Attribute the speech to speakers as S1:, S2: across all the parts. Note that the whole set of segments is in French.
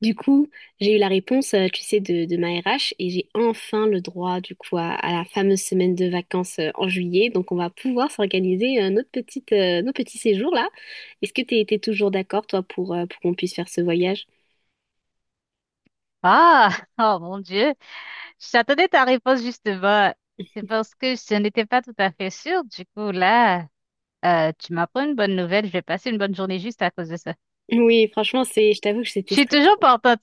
S1: Du coup, j'ai eu la réponse, tu sais, de ma RH et j'ai enfin le droit, du coup, à la fameuse semaine de vacances en juillet. Donc, on va pouvoir s'organiser nos petits séjours là. Est-ce que tu étais toujours d'accord, toi, pour qu'on puisse faire ce voyage?
S2: Ah, oh mon Dieu, j'attendais ta réponse justement. C'est parce que je n'étais pas tout à fait sûre. Du coup, là, tu m'apprends une bonne nouvelle. Je vais passer une bonne journée juste à cause de ça.
S1: Oui, franchement, je t'avoue que
S2: Je
S1: c'était
S2: suis
S1: stressant.
S2: toujours partante.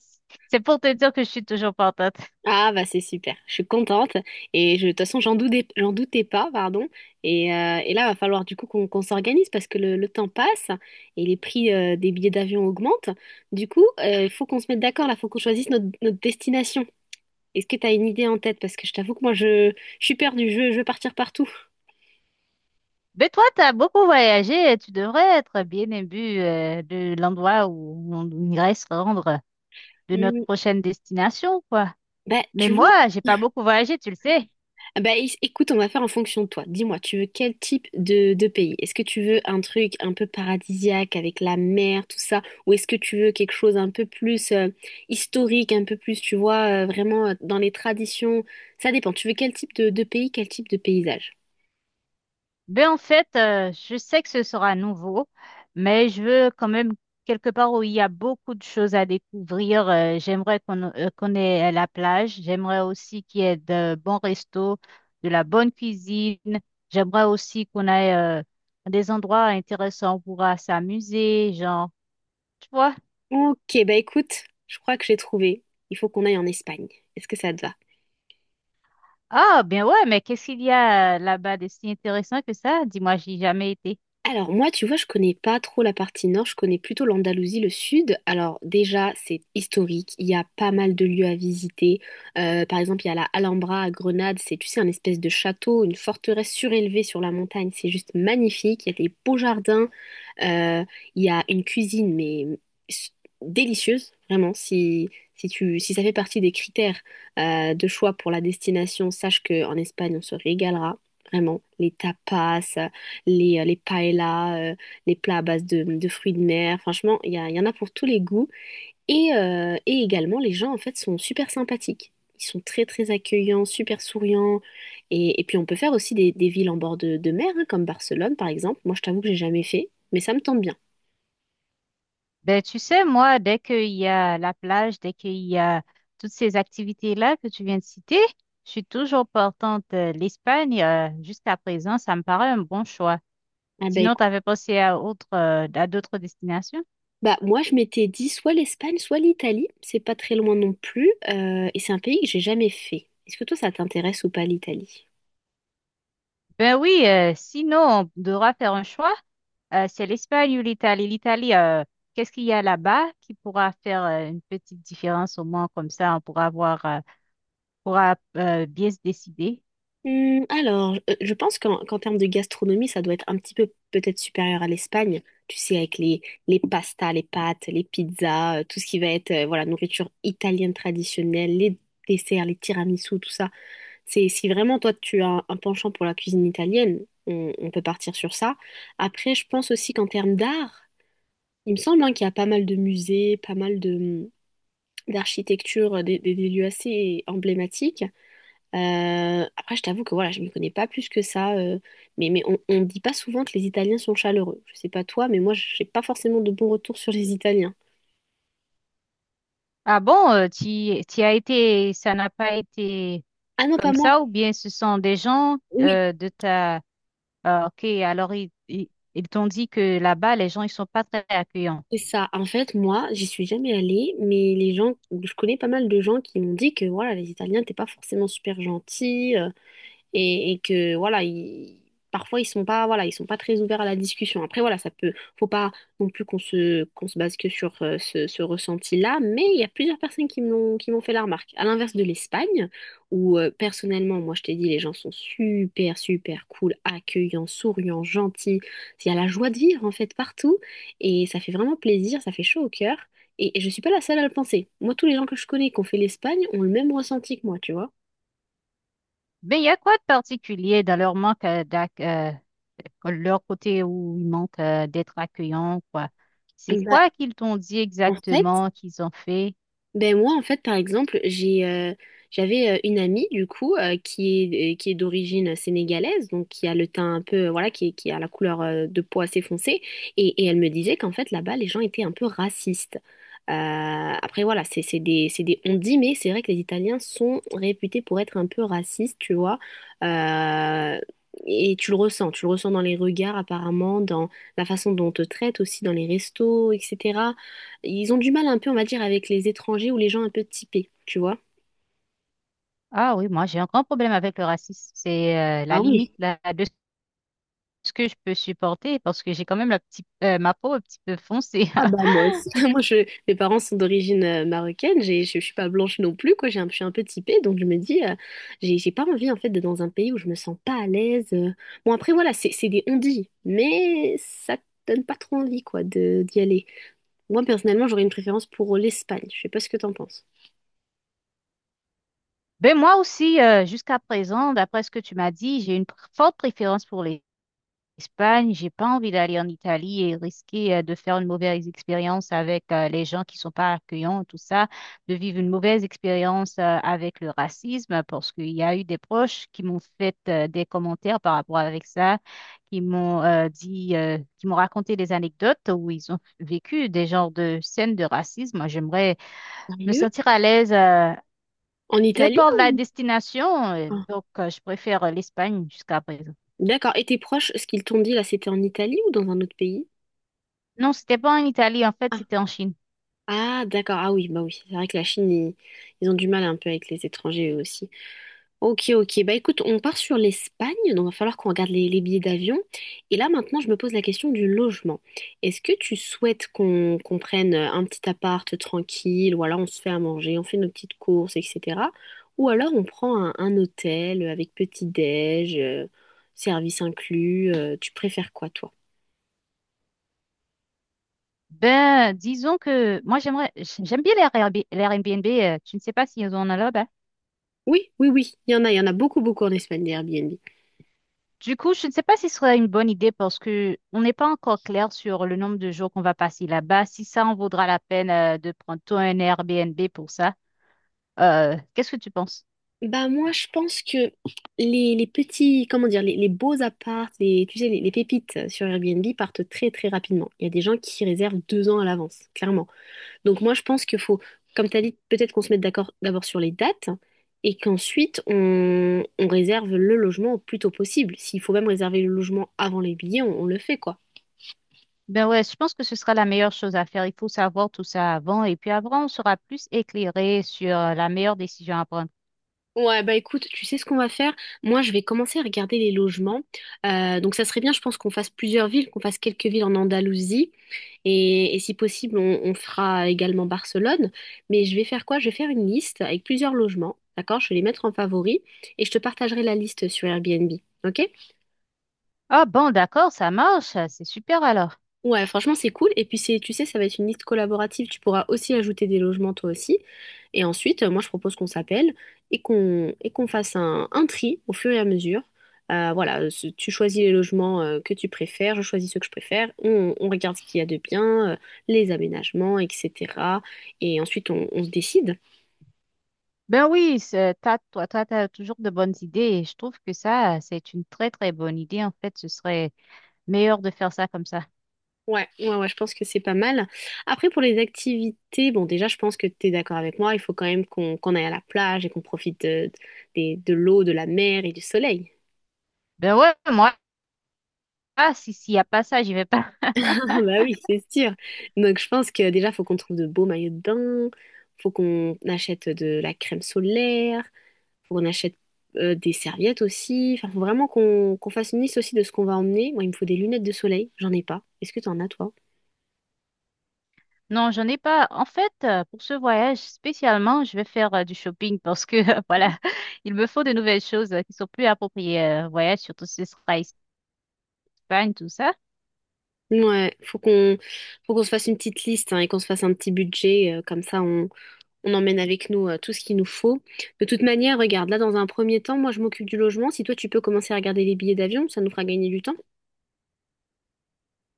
S2: C'est pour te dire que je suis toujours partante.
S1: Ah bah c'est super, je suis contente et de toute façon j'en doutais pas, pardon. Et là va falloir du coup qu'on s'organise parce que le temps passe et les prix des billets d'avion augmentent. Du coup, il faut qu'on se mette d'accord là, faut qu'on choisisse notre destination. Est-ce que tu as une idée en tête? Parce que je t'avoue que moi je suis perdue, je veux partir partout.
S2: Mais toi, tu as beaucoup voyagé et tu devrais être bien imbu de l'endroit où on irait se rendre, de notre
S1: Hmm,
S2: prochaine destination, quoi.
S1: Bah
S2: Mais
S1: tu vois.
S2: moi, j'ai pas beaucoup voyagé, tu le sais.
S1: Ah bah, écoute, on va faire en fonction de toi. Dis-moi, tu veux quel type de pays? Est-ce que tu veux un truc un peu paradisiaque avec la mer, tout ça? Ou est-ce que tu veux quelque chose un peu plus historique, un peu plus, tu vois, vraiment dans les traditions? Ça dépend. Tu veux quel type de pays, quel type de paysage?
S2: Ben en fait, je sais que ce sera nouveau, mais je veux quand même quelque part où il y a beaucoup de choses à découvrir. J'aimerais qu'on ait la plage. J'aimerais aussi qu'il y ait de bons restos, de la bonne cuisine. J'aimerais aussi qu'on ait des endroits intéressants où on pourra s'amuser, genre, tu vois.
S1: Ok, bah écoute, je crois que j'ai trouvé. Il faut qu'on aille en Espagne. Est-ce que ça te va?
S2: Ah, bien ouais, mais qu'est-ce qu'il y a là-bas de si intéressant que ça? Dis-moi, j'y ai jamais été.
S1: Alors moi, tu vois, je connais pas trop la partie nord, je connais plutôt l'Andalousie, le sud. Alors déjà, c'est historique, il y a pas mal de lieux à visiter. Par exemple, il y a la Alhambra à Grenade, c'est, tu sais, un espèce de château, une forteresse surélevée sur la montagne, c'est juste magnifique, il y a des beaux jardins, euh, il y a une cuisine, mais s- délicieuse, vraiment. Si ça fait partie des critères de choix pour la destination, sache qu'en Espagne, on se régalera, vraiment. Les tapas, les paellas, les plats à base de fruits de mer. Franchement, il y en a pour tous les goûts. Et également, les gens, en fait, sont super sympathiques. Ils sont très, très accueillants, super souriants. Et puis, on peut faire aussi des villes en bord de mer, hein, comme Barcelone, par exemple. Moi, je t'avoue que j'ai jamais fait, mais ça me tente bien.
S2: Ben, tu sais, moi, dès qu'il y a la plage, dès qu'il y a toutes ces activités-là que tu viens de citer, je suis toujours portante. L'Espagne, jusqu'à présent, ça me paraît un bon choix.
S1: Ah bah
S2: Sinon,
S1: écoute,
S2: tu avais pensé à à d'autres destinations?
S1: bah moi je m'étais dit soit l'Espagne, soit l'Italie, c'est pas très loin non plus, et c'est un pays que j'ai jamais fait. Est-ce que toi ça t'intéresse ou pas l'Italie?
S2: Ben oui, sinon, on devra faire un choix. C'est l'Espagne ou l'Italie. L'Italie, qu'est-ce qu'il y a là-bas qui pourra faire une petite différence au moins comme ça, on pourra voir, pourra bien se décider.
S1: Alors, je pense qu'en termes de gastronomie, ça doit être un petit peu peut-être supérieur à l'Espagne. Tu sais, avec les pastas, les pâtes, les pizzas, tout ce qui va être voilà, nourriture italienne traditionnelle, les desserts, les tiramisus, tout ça. Si vraiment toi, tu as un penchant pour la cuisine italienne, on peut partir sur ça. Après, je pense aussi qu'en termes d'art, il me semble hein, qu'il y a pas mal de musées, pas mal de d'architecture des lieux assez emblématiques. Après, je t'avoue que voilà, je ne m'y connais pas plus que ça. Mais on ne dit pas souvent que les Italiens sont chaleureux. Je sais pas toi, mais moi, j'ai pas forcément de bons retours sur les Italiens.
S2: Ah bon, tu, as été, ça n'a pas été
S1: Ah non, pas
S2: comme
S1: moi.
S2: ça, ou bien ce sont des gens
S1: Oui,
S2: de ta... Ah, ok, alors ils t'ont dit que là-bas, les gens, ils sont pas très accueillants.
S1: c'est ça. En fait, moi, j'y suis jamais allée, mais les gens, je connais pas mal de gens qui m'ont dit que voilà, les Italiens, t'es pas forcément super gentils. Et que voilà parfois ils sont pas très ouverts à la discussion. Après voilà, ça peut, faut pas non plus qu'on se base que sur ce ressenti-là, mais il y a plusieurs personnes qui me l'ont, qui m'ont fait la remarque, à l'inverse de l'Espagne où personnellement moi je t'ai dit les gens sont super super cool, accueillants, souriants, gentils. Il y a la joie de vivre en fait partout, et ça fait vraiment plaisir, ça fait chaud au cœur, et je suis pas la seule à le penser. Moi, tous les gens que je connais qui ont fait l'Espagne ont le même ressenti que moi, tu vois.
S2: Mais il y a quoi de particulier dans leur manque leur côté où ils manquent d'être accueillants, quoi? C'est
S1: Bah,
S2: quoi qu'ils t'ont dit
S1: en fait,
S2: exactement qu'ils ont fait?
S1: Ben moi en fait par exemple j'avais une amie du coup qui est d'origine sénégalaise donc qui a le teint un peu voilà qui a la couleur de peau assez foncée, et elle me disait qu'en fait là-bas les gens étaient un peu racistes. Après voilà c'est des on dit mais c'est vrai que les Italiens sont réputés pour être un peu racistes, tu vois. Euh, et tu le ressens dans les regards, apparemment, dans la façon dont on te traite aussi, dans les restos, etc. Ils ont du mal un peu, on va dire, avec les étrangers ou les gens un peu typés, tu vois.
S2: Ah oui, moi j'ai un grand problème avec le racisme. C'est la
S1: Ah
S2: limite
S1: oui.
S2: là, ce que je peux supporter parce que j'ai quand même la petite, ma peau un petit peu foncée.
S1: Ah bah moi aussi. Moi, mes parents sont d'origine marocaine, je suis pas blanche non plus, quoi. Je suis un peu typée, donc je me dis, j'ai pas envie en fait d'être dans un pays où je me sens pas à l'aise. Bon, après, voilà, c'est des on-dit, mais ça te donne pas trop envie, quoi, d'y aller. Moi, personnellement, j'aurais une préférence pour l'Espagne. Je sais pas ce que t'en penses.
S2: Ben moi aussi, jusqu'à présent, d'après ce que tu m'as dit, j'ai une forte préférence pour les Espagne, j'ai pas envie d'aller en Italie et risquer de faire une mauvaise expérience avec les gens qui sont pas accueillants, tout ça, de vivre une mauvaise expérience avec le racisme, parce qu'il y a eu des proches qui m'ont fait des commentaires par rapport avec ça, qui m'ont qui m'ont raconté des anecdotes où ils ont vécu des genres de scènes de racisme. Moi, j'aimerais me
S1: Sérieux?
S2: sentir à l'aise,
S1: En
S2: peu
S1: Italie
S2: importe la
S1: ou...?
S2: destination,
S1: Ah,
S2: je préfère l'Espagne jusqu'à présent.
S1: d'accord. Et tes proches, ce qu'ils t'ont dit là, c'était en Italie ou dans un autre pays?
S2: Non, c'était pas en Italie, en fait, c'était en Chine.
S1: Ah, d'accord. Ah oui, bah oui. C'est vrai que la Chine, ils ont du mal un peu avec les étrangers eux aussi. Ok, ok. Bah écoute, on part sur l'Espagne, donc il va falloir qu'on regarde les billets d'avion. Et là, maintenant, je me pose la question du logement. Est-ce que tu souhaites qu'on prenne un petit appart tranquille, ou alors on se fait à manger, on fait nos petites courses, etc. Ou alors on prend un hôtel avec petit-déj, service inclus. Tu préfères quoi, toi?
S2: Ben, disons que moi j'aimerais, j'aime bien les Airbnb, tu ne sais pas s'ils en ont là-bas.
S1: Oui, oui, oui. Il y en a beaucoup, beaucoup en Espagne, des Airbnb.
S2: Du coup, je ne sais pas si ce serait une bonne idée parce que on n'est pas encore clair sur le nombre de jours qu'on va passer là-bas, si ça en vaudra la peine de prendre toi un Airbnb pour ça. Qu'est-ce que tu penses?
S1: Bah moi je pense que les petits, comment dire, les beaux apparts, les, tu sais, les pépites sur Airbnb partent très très rapidement. Il y a des gens qui réservent 2 ans à l'avance, clairement. Donc moi je pense qu'il faut, comme tu as dit, peut-être qu'on se mette d'accord d'abord sur les dates et qu'ensuite on réserve le logement au plus tôt possible. S'il faut même réserver le logement avant les billets, on le fait quoi.
S2: Ben ouais, je pense que ce sera la meilleure chose à faire. Il faut savoir tout ça avant et puis avant, on sera plus éclairé sur la meilleure décision à prendre.
S1: Ouais, bah écoute, tu sais ce qu'on va faire? Moi, je vais commencer à regarder les logements. Donc, ça serait bien, je pense, qu'on fasse plusieurs villes, qu'on fasse quelques villes en Andalousie. Et si possible, on fera également Barcelone. Mais je vais faire quoi? Je vais faire une liste avec plusieurs logements. D'accord? Je vais les mettre en favori et je te partagerai la liste sur Airbnb. OK?
S2: Ah bon, d'accord, ça marche, c'est super alors.
S1: Ouais, franchement, c'est cool. Et puis, tu sais, ça va être une liste collaborative. Tu pourras aussi ajouter des logements, toi aussi. Et ensuite, moi, je propose qu'on s'appelle et qu'on fasse un tri au fur et à mesure. Voilà, tu choisis les logements que tu préfères, je choisis ceux que je préfère. On regarde ce qu'il y a de bien, les aménagements, etc. Et ensuite, on se décide.
S2: Ben oui, t'as, toi, t'as toujours de bonnes idées et je trouve que ça, c'est une très, très bonne idée. En fait, ce serait meilleur de faire ça comme ça.
S1: Ouais, ouais, ouais, je pense que c'est pas mal. Après, pour les activités, bon, déjà, je pense que tu es d'accord avec moi, il faut quand même qu'on aille à la plage et qu'on profite de l'eau, de la mer et du soleil.
S2: Ben ouais, moi, ah, si, s'il y a pas ça, j'y vais pas.
S1: Ah bah oui, c'est sûr. Donc, je pense que déjà, faut qu'on trouve de beaux maillots de bain, faut qu'on achète de la crème solaire, faut qu'on achète des serviettes aussi. Enfin, faut vraiment qu'on fasse une liste aussi de ce qu'on va emmener. Moi, il me faut des lunettes de soleil, j'en ai pas. Est-ce que tu en as, toi?
S2: Non, j'en ai pas. En fait, pour ce voyage spécialement, je vais faire du shopping parce que, voilà, il me faut de nouvelles choses qui sont plus appropriées au voyage, surtout si ce sera Espagne, tout ça.
S1: Ouais, faut qu'on se fasse une petite liste hein, et qu'on se fasse un petit budget, comme ça on emmène avec nous tout ce qu'il nous faut. De toute manière, regarde, là dans un premier temps, moi je m'occupe du logement. Si toi tu peux commencer à regarder les billets d'avion, ça nous fera gagner du temps.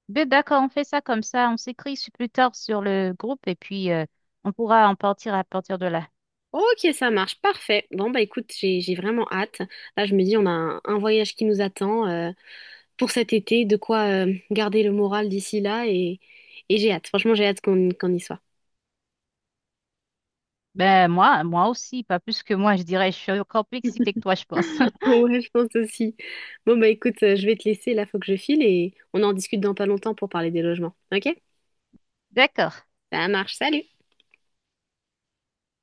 S2: Ben d'accord, on fait ça comme ça. On s'écrit plus tard sur le groupe et puis on pourra en partir à partir de là.
S1: Ok, ça marche, parfait. Bon bah écoute, j'ai vraiment hâte. Là je me dis on a un voyage qui nous attend pour cet été, de quoi garder le moral d'ici là et j'ai hâte. Franchement j'ai hâte qu'on y soit.
S2: Ben moi, moi aussi, pas plus que moi, je dirais. Je suis encore plus excitée que toi, je pense.
S1: Ouais, je pense aussi. Bon, bah écoute, je vais te laisser, là, faut que je file et on en discute dans pas longtemps pour parler des logements. Ok?
S2: D'accord.
S1: Ça marche, salut!